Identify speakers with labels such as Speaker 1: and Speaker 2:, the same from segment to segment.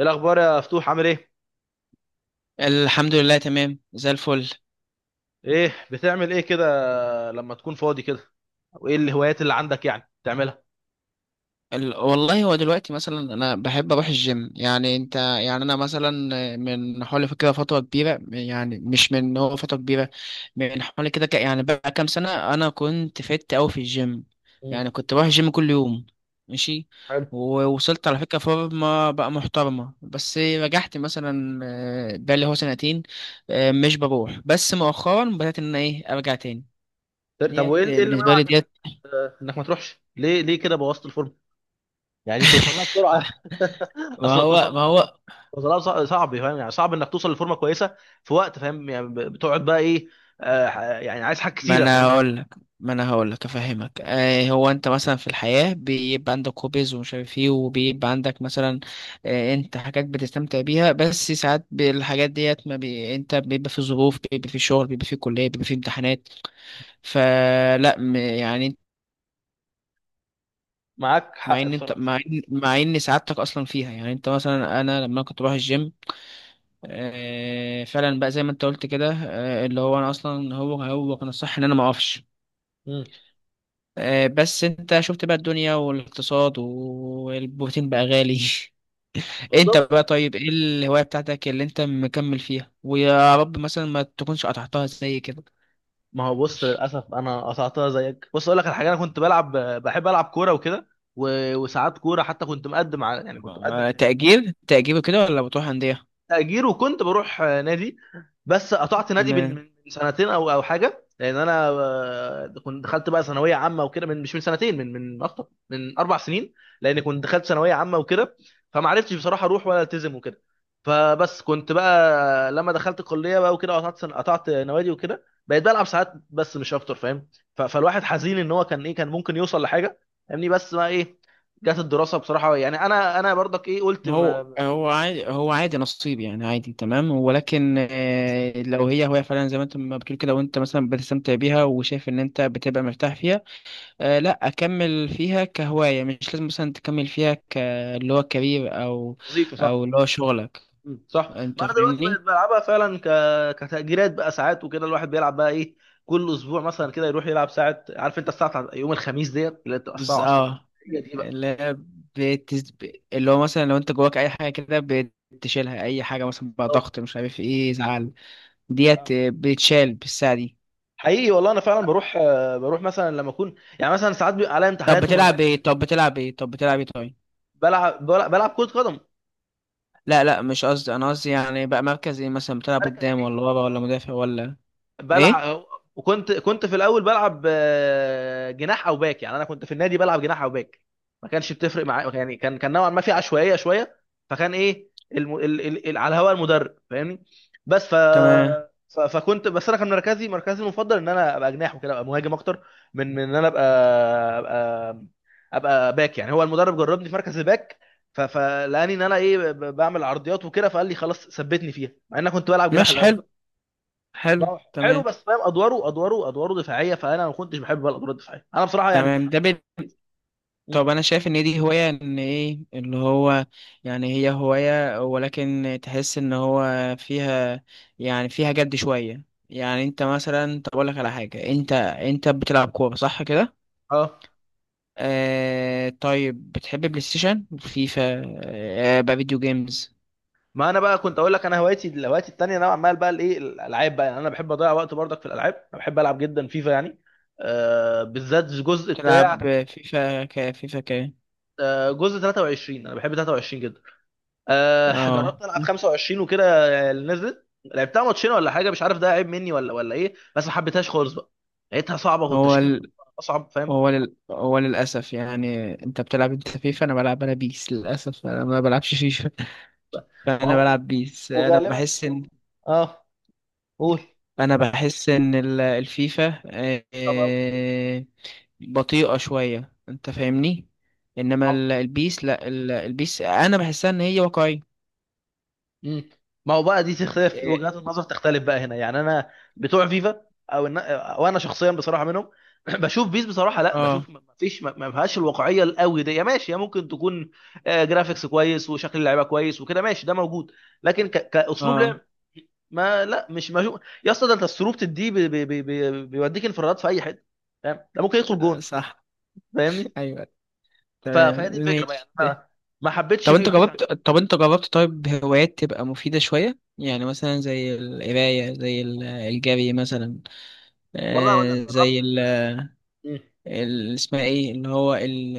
Speaker 1: إيه الاخبار يا فتوح، عامل ايه؟
Speaker 2: الحمد لله، تمام زي الفل.
Speaker 1: ايه بتعمل ايه كده لما تكون فاضي كده؟ وايه الهوايات اللي عندك يعني تعملها؟
Speaker 2: والله هو دلوقتي مثلا انا بحب اروح الجيم. يعني انت، يعني انا مثلا من حوالي كده فتره كبيره، يعني مش من هو فتره كبيره. من حوالي كده يعني بقى كام سنه انا كنت فت قوي في الجيم.
Speaker 1: مم.
Speaker 2: يعني كنت بروح الجيم كل يوم. ماشي.
Speaker 1: حلو.
Speaker 2: ووصلت على فكره فورمه بقى محترمه، بس رجعت مثلا بقالي هو سنتين مش بروح، بس مؤخرا بدات ان أنا ايه ارجع تاني.
Speaker 1: طب وايه
Speaker 2: ديت
Speaker 1: إيه اللي
Speaker 2: بالنسبه لي
Speaker 1: منعك انك،
Speaker 2: ديت.
Speaker 1: انك ما تروحش، ليه كده بوظت الفورم؟ يعني دي توصل لها بسرعه؟
Speaker 2: ما
Speaker 1: اصلا
Speaker 2: هو
Speaker 1: توصل
Speaker 2: ما
Speaker 1: لها؟
Speaker 2: هو
Speaker 1: صعب، فاهم؟ يعني صعب انك توصل لفورمه كويسه في وقت، فاهم؟ يعني بتقعد بقى ايه؟ يعني عايز حاجات
Speaker 2: ما
Speaker 1: كتيره،
Speaker 2: انا
Speaker 1: فاهم.
Speaker 2: هقول لك ما انا هقول لك افهمك. آه، هو انت مثلا في الحياه بيبقى عندك هوبيز ومش عارف ايه، وبيبقى عندك مثلا آه انت حاجات بتستمتع بيها، بس ساعات بالحاجات ديت ما بي... انت بيبقى في ظروف، بيبقى في شغل، بيبقى في كليه، بيبقى في امتحانات. يعني انت-
Speaker 1: معاك
Speaker 2: مع
Speaker 1: حق
Speaker 2: ان انت
Speaker 1: بصراحه.
Speaker 2: مع ان مع ان سعادتك اصلا فيها. يعني انت مثلا، انا لما كنت بروح الجيم آه فعلا بقى زي ما انت قلت كده. آه، اللي هو انا اصلا هو كان الصح ان انا ما اقفش.
Speaker 1: مم.
Speaker 2: آه، بس انت شفت بقى الدنيا والاقتصاد والبروتين بقى غالي. انت
Speaker 1: بالظبط.
Speaker 2: بقى طيب، ايه الهواية بتاعتك اللي انت مكمل فيها، ويا رب مثلا ما تكونش قطعتها زي كده.
Speaker 1: ما هو بص للاسف انا قطعتها زيك. بص اقول لك على حاجه، انا كنت بلعب، بحب العب كوره وكده، وساعات كوره حتى كنت مقدم على، يعني كنت مقدم.
Speaker 2: آه، تأجير كده ولا بتروح أندية؟
Speaker 1: تأجير، وكنت بروح نادي. بس قطعت نادي من
Speaker 2: تمام.
Speaker 1: سنتين او حاجه، لان انا كنت دخلت بقى ثانويه عامه وكده، من مش من سنتين، من اكتر من اربع سنين. لان كنت دخلت ثانويه عامه وكده، فما عرفتش بصراحه اروح ولا التزم وكده. فبس كنت بقى لما دخلت الكليه بقى وكده، قطعت قطعت نوادي وكده، بقيت بلعب ساعات بس مش اكتر، فاهم. فالواحد حزين ان هو كان ايه، كان ممكن يوصل لحاجه، فاهمني. بس بقى ايه، جت الدراسه بصراحه. يعني انا برضك ايه قلت
Speaker 2: هو هو عادي هو عادي نصيب، يعني عادي تمام. ولكن آه، لو هي هواية فعلا زي ما انت ما بتقول كده، وانت مثلا بتستمتع بيها وشايف ان انت بتبقى مرتاح فيها، آه لا اكمل فيها كهوايه. مش لازم مثلا تكمل فيها ك اللي هو كارير او
Speaker 1: وظيفه
Speaker 2: او
Speaker 1: صح.
Speaker 2: اللي هو شغلك.
Speaker 1: مم. صح. ما
Speaker 2: انت
Speaker 1: انا دلوقتي بقيت
Speaker 2: فاهمني.
Speaker 1: بلعبها فعلا كتأجيلات بقى ساعات وكده. الواحد بيلعب بقى ايه، كل اسبوع مثلا كده يروح يلعب ساعه. عارف انت الساعه بتاعت يوم الخميس ديت اللي بتبقى
Speaker 2: بس،
Speaker 1: الساعه 10 بالليل؟
Speaker 2: اه.
Speaker 1: هي دي بقى.
Speaker 2: لا بتز... اللي هو مثلا لو انت جواك اي حاجه كده بتشيلها. اي حاجه مثلا بقى
Speaker 1: أه.
Speaker 2: ضغط، مش عارف ايه، زعل، ديت آه، بتشال بالساعه دي.
Speaker 1: حقيقي والله انا فعلا بروح، بروح مثلا لما اكون، يعني مثلا ساعات بيبقى عليا
Speaker 2: طب
Speaker 1: امتحانات ومزنوق.
Speaker 2: بتلعب ايه طب بتلعب ايه طب بتلعب ايه طيب؟
Speaker 1: بلعب كرة قدم.
Speaker 2: لا لا، مش قصدي. انا قصدي يعني بقى مركز ايه، مثلا بتلعب
Speaker 1: مركز
Speaker 2: قدام
Speaker 1: ايه؟
Speaker 2: ولا
Speaker 1: مركز،
Speaker 2: ورا ولا
Speaker 1: اه.
Speaker 2: مدافع ولا ايه؟
Speaker 1: بلعب. وكنت في الاول بلعب جناح او باك. يعني انا كنت في النادي بلعب جناح او باك، ما كانش بتفرق معايا. يعني كان نوعا ما في عشوائيه شويه. فكان ايه الم... ال... ال... ال... على هواء المدرب، فاهمني. بس ف...
Speaker 2: تمام.
Speaker 1: فكنت، بس انا كان مركزي المفضل ان انا ابقى جناح وكده، ابقى مهاجم اكتر من ان انا ابقى، ابقى ابقى باك. يعني هو المدرب جربني في مركز الباك، فلقاني ان انا ايه بعمل عرضيات وكده، فقال لي خلاص ثبتني فيها، مع ان انا كنت بلعب جناح
Speaker 2: ماشي،
Speaker 1: الاول.
Speaker 2: حلو.
Speaker 1: ما
Speaker 2: حلو.
Speaker 1: هو حلو،
Speaker 2: تمام،
Speaker 1: بس فاهم، ادواره دفاعيه، فانا ما كنتش بحب بقى الادوار الدفاعيه، انا بصراحه يعني.
Speaker 2: تمام.
Speaker 1: مم.
Speaker 2: طب انا شايف ان دي هواية. ان ايه اللي هو يعني هي هواية، ولكن تحس ان هو فيها يعني فيها جد شوية. يعني انت مثلا، طب اقول لك على حاجة، انت انت بتلعب كورة صح كده؟
Speaker 1: اه،
Speaker 2: آه طيب بتحب بلاي ستيشن، فيفا؟ آه بقى فيديو جيمز.
Speaker 1: ما انا بقى كنت اقول لك، انا هوايتي التانيه انا عمال بقى الايه الالعاب بقى. يعني انا بحب اضيع وقت برضك في الالعاب، انا بحب العب جدا فيفا. يعني بالذات الجزء بتاع،
Speaker 2: بتلعب فيفا ك فيفا ك؟
Speaker 1: جزء 23، انا بحب 23 جدا.
Speaker 2: اه.
Speaker 1: جربت العب 25 وكده، اللي نزلت لعبتها ماتشين ولا حاجه. مش عارف ده عيب مني ولا ايه، بس ما حبيتهاش خالص بقى. لقيتها صعبه،
Speaker 2: هو
Speaker 1: والتشكيل
Speaker 2: ال...
Speaker 1: بتاعها اصعب، فاهم.
Speaker 2: هو لل... هو للأسف يعني انت بتلعب انت فيفا، انا بلعب انا بيس. للأسف انا ما بلعبش فيفا،
Speaker 1: ما
Speaker 2: انا
Speaker 1: هو-
Speaker 2: بلعب بيس. انا
Speaker 1: وغالبا.
Speaker 2: بحس ان
Speaker 1: اه. قول.
Speaker 2: انا بحس ان الفيفا
Speaker 1: طب بقى وكده.
Speaker 2: بطيئة شوية. انت فاهمني. انما
Speaker 1: ما هو.
Speaker 2: البيس لا، البيس انا بحسها ان هي واقعية.
Speaker 1: مم. ما هو بقى دي تختلف، وجهات النظر تختلف بقى هنا. يعني انا بتوع فيفا او او انا شخصيا بصراحه منهم. بشوف بيس بصراحه، لا
Speaker 2: اه.
Speaker 1: بشوف، ما فيش، ما فيهاش الواقعيه القوي دي. يا ماشي، يا ممكن تكون جرافيكس كويس وشكل اللعيبه كويس وكده، ماشي، ده موجود. لكن كاسلوب
Speaker 2: اه.
Speaker 1: لعب، ما لا مش ما شو... يا اسطى، ده انت السروب دي بيوديك انفرادات في اي حته، فاهم، ده ممكن يدخل
Speaker 2: آه،
Speaker 1: جون،
Speaker 2: صح.
Speaker 1: فاهمني.
Speaker 2: ايوه. تمام
Speaker 1: فهي دي الفكره بقى،
Speaker 2: ماشي.
Speaker 1: يعني انا ما حبيتش
Speaker 2: طب انت
Speaker 1: بيس عن
Speaker 2: جربت
Speaker 1: كده.
Speaker 2: طب انت جربت طيب هوايات تبقى مفيدة شوية، يعني مثلا زي القراية، زي الجري مثلا،
Speaker 1: والله اقول لك
Speaker 2: آه، زي
Speaker 1: جربت.
Speaker 2: اسمها ايه اللي هو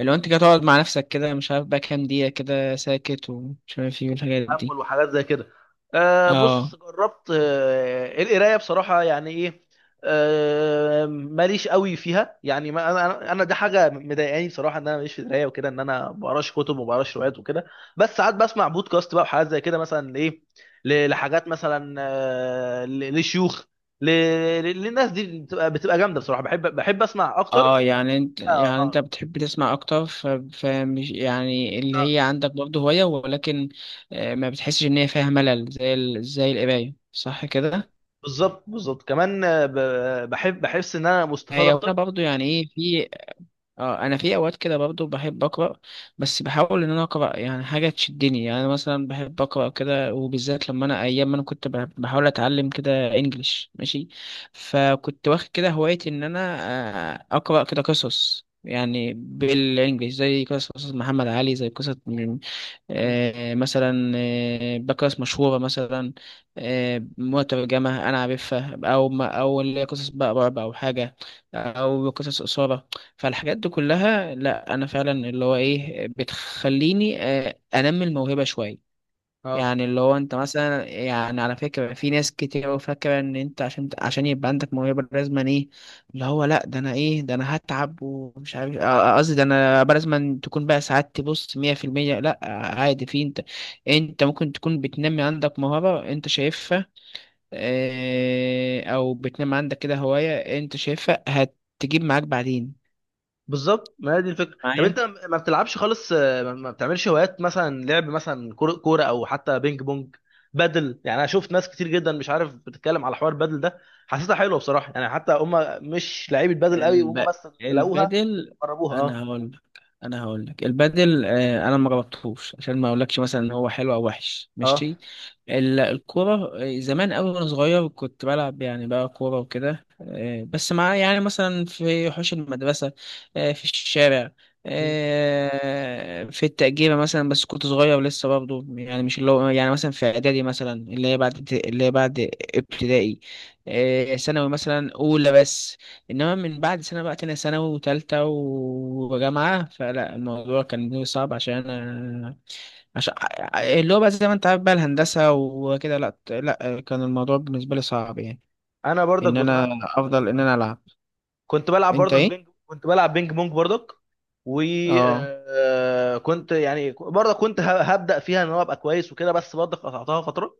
Speaker 2: اللي هو انت كده تقعد مع نفسك كده، مش عارف بقى كام دقيقة كده ساكت، ومش عارف ايه، والحاجات
Speaker 1: تامل
Speaker 2: دي.
Speaker 1: وحاجات زي كده. بص
Speaker 2: اه.
Speaker 1: جربت، القرايه بصراحه يعني ايه، ماليش قوي فيها. يعني ما انا دي حاجه مضايقاني بصراحه، ان انا ماليش في القرايه وكده، ان انا ما بقراش كتب وما بقراش روايات وكده. بس ساعات بسمع بودكاست بقى وحاجات زي كده، مثلا ايه لحاجات مثلا، لشيوخ، ل- للناس دي، بتبقى جامده بصراحه، بحب اسمع اكتر.
Speaker 2: اه. يعني انت،
Speaker 1: اه.
Speaker 2: يعني انت
Speaker 1: اه.
Speaker 2: بتحب تسمع اكتر. فمش يعني اللي
Speaker 1: اه.
Speaker 2: هي عندك برضه هواية، ولكن آه، ما بتحسش ان هي فيها ملل زي زي القراية صح كده.
Speaker 1: بالظبط. بالظبط كمان، آه، ب- بحب بحس ان انا مستفاد
Speaker 2: هي وانا
Speaker 1: اكتر.
Speaker 2: برضه، يعني ايه، في اه انا في اوقات كده برضو بحب اقرا. بس بحاول ان انا اقرا يعني حاجه تشدني. يعني انا مثلا بحب اقرا كده، وبالذات لما انا ايام ما انا كنت بحاول اتعلم كده انجليش. ماشي. فكنت واخد كده هوايتي ان انا آه، اقرا كده قصص، يعني بالانجليش، زي قصص محمد علي، زي قصص آه، مثلا آه، بقصص مشهورة مثلا آه، مترجمة أنا عارفها، أو ما أو اللي هي قصص بقى رعب أو حاجة، أو قصص إثارة. فالحاجات دي كلها لا، أنا فعلا اللي هو إيه بتخليني آه، أنمي الموهبة شوية.
Speaker 1: اه.
Speaker 2: يعني اللي هو انت مثلا، يعني على فكرة في ناس كتير قوي فاكرة ان انت عشان يبقى عندك موهبة لازم ايه اللي هو لا. ده انا ايه، ده انا هتعب ومش عارف اه، قصدي ده انا بقى لازم تكون بقى سعادتي بص 100%. لا، عادي. في انت، انت ممكن تكون بتنمي عندك موهبة انت شايفها، اه، او بتنمي عندك كده هواية انت شايفها هتجيب معاك بعدين.
Speaker 1: بالظبط. ما هي دي الفكره. طب انت ما بتلعبش خالص، ما بتعملش هوايات، مثلا لعب مثلا كورة او حتى بينج بونج بدل؟ يعني انا شفت ناس كتير جدا، مش عارف بتتكلم على حوار بدل ده، حسيتها حلوه بصراحه يعني. حتى هم مش لعيبه بدل قوي، هم
Speaker 2: الب...
Speaker 1: بس لقوها
Speaker 2: البدل.
Speaker 1: جربوها. اه.
Speaker 2: انا هقول لك انا هقول لك البدل آه، انا ما جربتهوش عشان ما اقولكش مثلا ان هو حلو او وحش.
Speaker 1: اه.
Speaker 2: ماشي. الكوره آه، زمان قوي وانا صغير كنت بلعب، يعني بقى كوره وكده، آه، بس مع، يعني مثلا في حوش المدرسه، آه، في الشارع،
Speaker 1: مم.
Speaker 2: آه، في التأجيرة مثلا. بس كنت صغير لسه برضه، يعني مش اللي هو يعني مثلا في إعدادي مثلا، اللي هي بعد اللي هي بعد ابتدائي، آه، ثانوي مثلا أولى بس. انما من بعد سنه بقى تانية ثانوي وتالتة وجامعه، فلا الموضوع كان بالنسبة لي صعب عشان انا عشان اللي هو بقى زي ما انت عارف بقى الهندسه وكده. لا لا، كان الموضوع بالنسبه لي صعب، يعني
Speaker 1: انا برضك
Speaker 2: ان انا
Speaker 1: بصراحه كنت،
Speaker 2: افضل ان انا العب.
Speaker 1: كنت بلعب
Speaker 2: انت
Speaker 1: برضك
Speaker 2: ايه؟
Speaker 1: بينج كنت بلعب بينج بونج برضك.
Speaker 2: اه.
Speaker 1: وكنت يعني برضك كنت هبدا فيها ان هو ابقى كويس وكده، بس برضك قطعتها فتره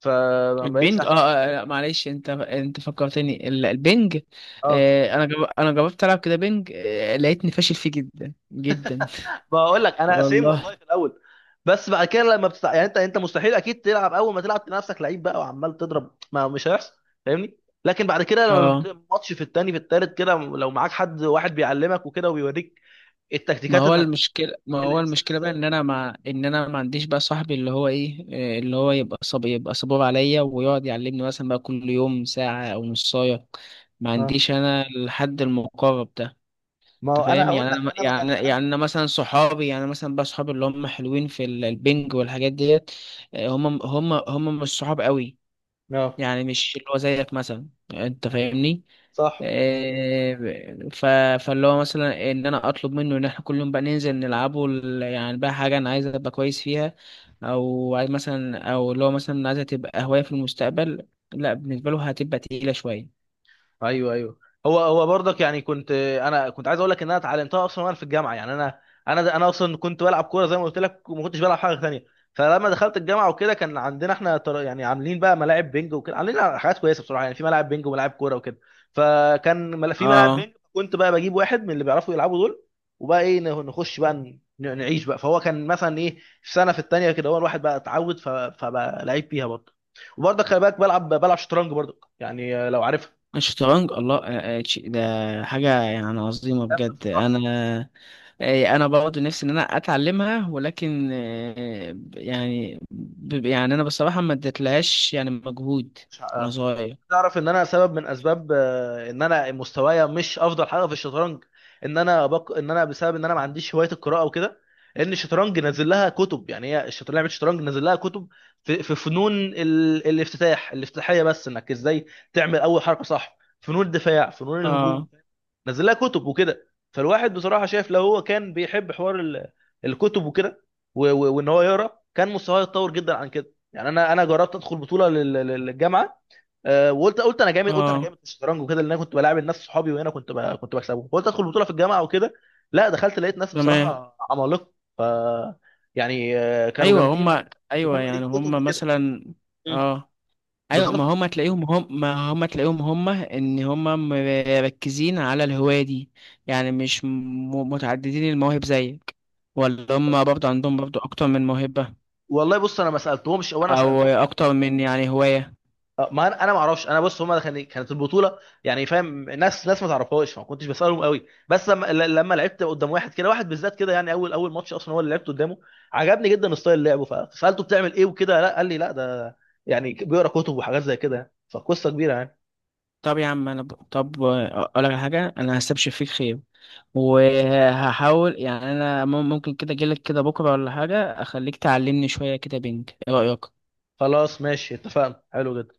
Speaker 1: فما بقتش
Speaker 2: البنج
Speaker 1: احسن.
Speaker 2: اه. آه، لا معلش، انت انت فكرتني البنج.
Speaker 1: اه.
Speaker 2: آه، انا جربت العب كده بنج، آه لقيتني فاشل فيه جدا جدا.
Speaker 1: بقول لك انا سيم والله
Speaker 2: والله.
Speaker 1: في الاول. بس بعد كده لما يعني انت مستحيل اكيد تلعب، اول ما تلعب تلاقي نفسك لعيب بقى وعمال تضرب، ما مش هيحصل، فاهمني. لكن بعد كده لما
Speaker 2: اه.
Speaker 1: ماتش في التاني، في التالت كده، لو معاك حد واحد بيعلمك وكده وبيوريك
Speaker 2: ما
Speaker 1: التكتيكات
Speaker 2: هو
Speaker 1: انك
Speaker 2: المشكلة ما هو
Speaker 1: الانسان
Speaker 2: المشكلة بقى
Speaker 1: ازاي
Speaker 2: ان
Speaker 1: وكده.
Speaker 2: انا ما ان انا ما عنديش بقى صاحبي اللي هو ايه آه، اللي هو يبقى يبقى صبور عليا ويقعد يعلمني مثلا بقى كل يوم ساعة او نصاية. ما
Speaker 1: اه.
Speaker 2: عنديش انا الحد المقرب ده.
Speaker 1: ما هو
Speaker 2: انت
Speaker 1: انا
Speaker 2: فاهم،
Speaker 1: هقول
Speaker 2: يعني انا
Speaker 1: لك، انا ما
Speaker 2: يعني
Speaker 1: كانش عندي.
Speaker 2: يعني انا مثلا صحابي، يعني مثلا بقى صحابي اللي هم حلوين في البنج والحاجات ديت، آه، هم مش صحاب قوي.
Speaker 1: اه.
Speaker 2: يعني مش اللي هو زيك مثلا. انت فاهمني.
Speaker 1: صح.
Speaker 2: إيه، ف... فاللي هو مثلا ان انا اطلب منه ان احنا كل يوم بقى ننزل نلعبه يعني بقى حاجه انا عايز ابقى كويس فيها، او عايز مثلا او اللي هو مثلا عايزها تبقى هوايه في المستقبل، لا بالنسبه له هتبقى تقيله شويه.
Speaker 1: ايوه. ايوه. هو برضك يعني كنت، انا كنت عايز اقول لك ان انا اتعلمتها اصلا وانا في الجامعه. يعني انا اصلا كنت بلعب كوره زي ما قلت لك، وما كنتش بلعب حاجه ثانيه. فلما دخلت الجامعه وكده، كان عندنا احنا يعني عاملين بقى ملاعب بينج وكده، عاملين حاجات كويسه بصراحه، يعني في ملاعب بينج وملاعب كوره وكده. فكان في ملاعب
Speaker 2: اه.
Speaker 1: بينج كنت بقى بجيب واحد من اللي بيعرفوا يلعبوا دول، وبقى ايه نخش بقى، نعيش بقى. فهو كان مثلا ايه في سنه، في الثانيه كده، هو الواحد بقى اتعود، فبقى لعيب فيها برضه. وبرضه خلي بالك بلعب، شطرنج برضه، يعني لو عارف،
Speaker 2: الشطرنج، الله، آه، آه، ده حاجه يعني عظيمه
Speaker 1: جامده
Speaker 2: بجد.
Speaker 1: بصراحه،
Speaker 2: انا
Speaker 1: جامده.
Speaker 2: آه، انا برضه نفسي ان انا اتعلمها، ولكن آه، يعني يعني انا بصراحه ما اديتلهاش يعني مجهود
Speaker 1: مش ه-
Speaker 2: وانا صغير.
Speaker 1: انت تعرف ان انا سبب من اسباب، ان انا مستوايا مش افضل حاجه في الشطرنج، ان انا ان انا بسبب ان انا ما عنديش هوايه القراءه وكده. لان الشطرنج نازل لها كتب، يعني هي الشطرنج لعبه، الشطرنج نازل لها كتب، في فنون الافتتاحيه، بس انك ازاي تعمل اول حركه صح، فنون الدفاع، فنون الهجوم،
Speaker 2: اه.
Speaker 1: نزل لها كتب وكده. فالواحد بصراحه شايف، لو هو كان بيحب حوار الكتب وكده، وان هو يقرا، كان مستواه يتطور جدا عن كده. يعني انا جربت ادخل بطوله للجامعه. وقلت، انا جامد، قلت انا
Speaker 2: اه.
Speaker 1: جامد في الشطرنج وكده، لان انا كنت بلاعب الناس صحابي وهنا كنت كنت بكسبهم، قلت ادخل بطوله في الجامعه وكده. لا دخلت لقيت ناس
Speaker 2: تمام.
Speaker 1: بصراحه عمالقه. ف، يعني كانوا
Speaker 2: ايوه، هم.
Speaker 1: جامدين،
Speaker 2: ايوه
Speaker 1: وكانوا قاريين
Speaker 2: يعني
Speaker 1: كتب
Speaker 2: هم
Speaker 1: وكده.
Speaker 2: مثلا.
Speaker 1: مم.
Speaker 2: اه. ايوه، ما
Speaker 1: بالظبط.
Speaker 2: هم تلاقيهم هم ما هم تلاقيهم هم ان هم مركزين على الهوايه دي. يعني مش متعددين المواهب زيك. ولا هم
Speaker 1: بالظبط.
Speaker 2: برضه عندهم برضه اكتر من موهبه،
Speaker 1: والله بص، انا ما سالتهمش او انا
Speaker 2: او
Speaker 1: سالتهم،
Speaker 2: اكتر من يعني هوايه.
Speaker 1: ما انا ما اعرفش. انا بص هم، كانت البطوله يعني فاهم، ناس، ناس ما تعرفهاش، فما كنتش بسالهم قوي. بس لما لما لعبت قدام واحد كده، واحد بالذات كده، يعني اول اول ماتش اصلا هو اللي لعبت قدامه، عجبني جدا ستايل لعبه، فسالته بتعمل ايه وكده، لا قال لي لا ده يعني بيقرا كتب وحاجات زي كده، يعني فقصه كبيره يعني.
Speaker 2: طب يا عم، طب اقول لك على حاجه، انا هستبشر فيك خير، وهحاول يعني انا ممكن كده اجيلك كده بكره ولا حاجه اخليك تعلمني شويه كده. بينك ايه رايك؟
Speaker 1: خلاص ماشي، اتفقنا. حلو جدا.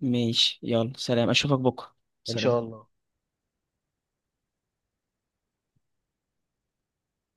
Speaker 2: ماشي، يلا سلام، اشوفك بكرة.
Speaker 1: ان شاء
Speaker 2: سلام.
Speaker 1: الله.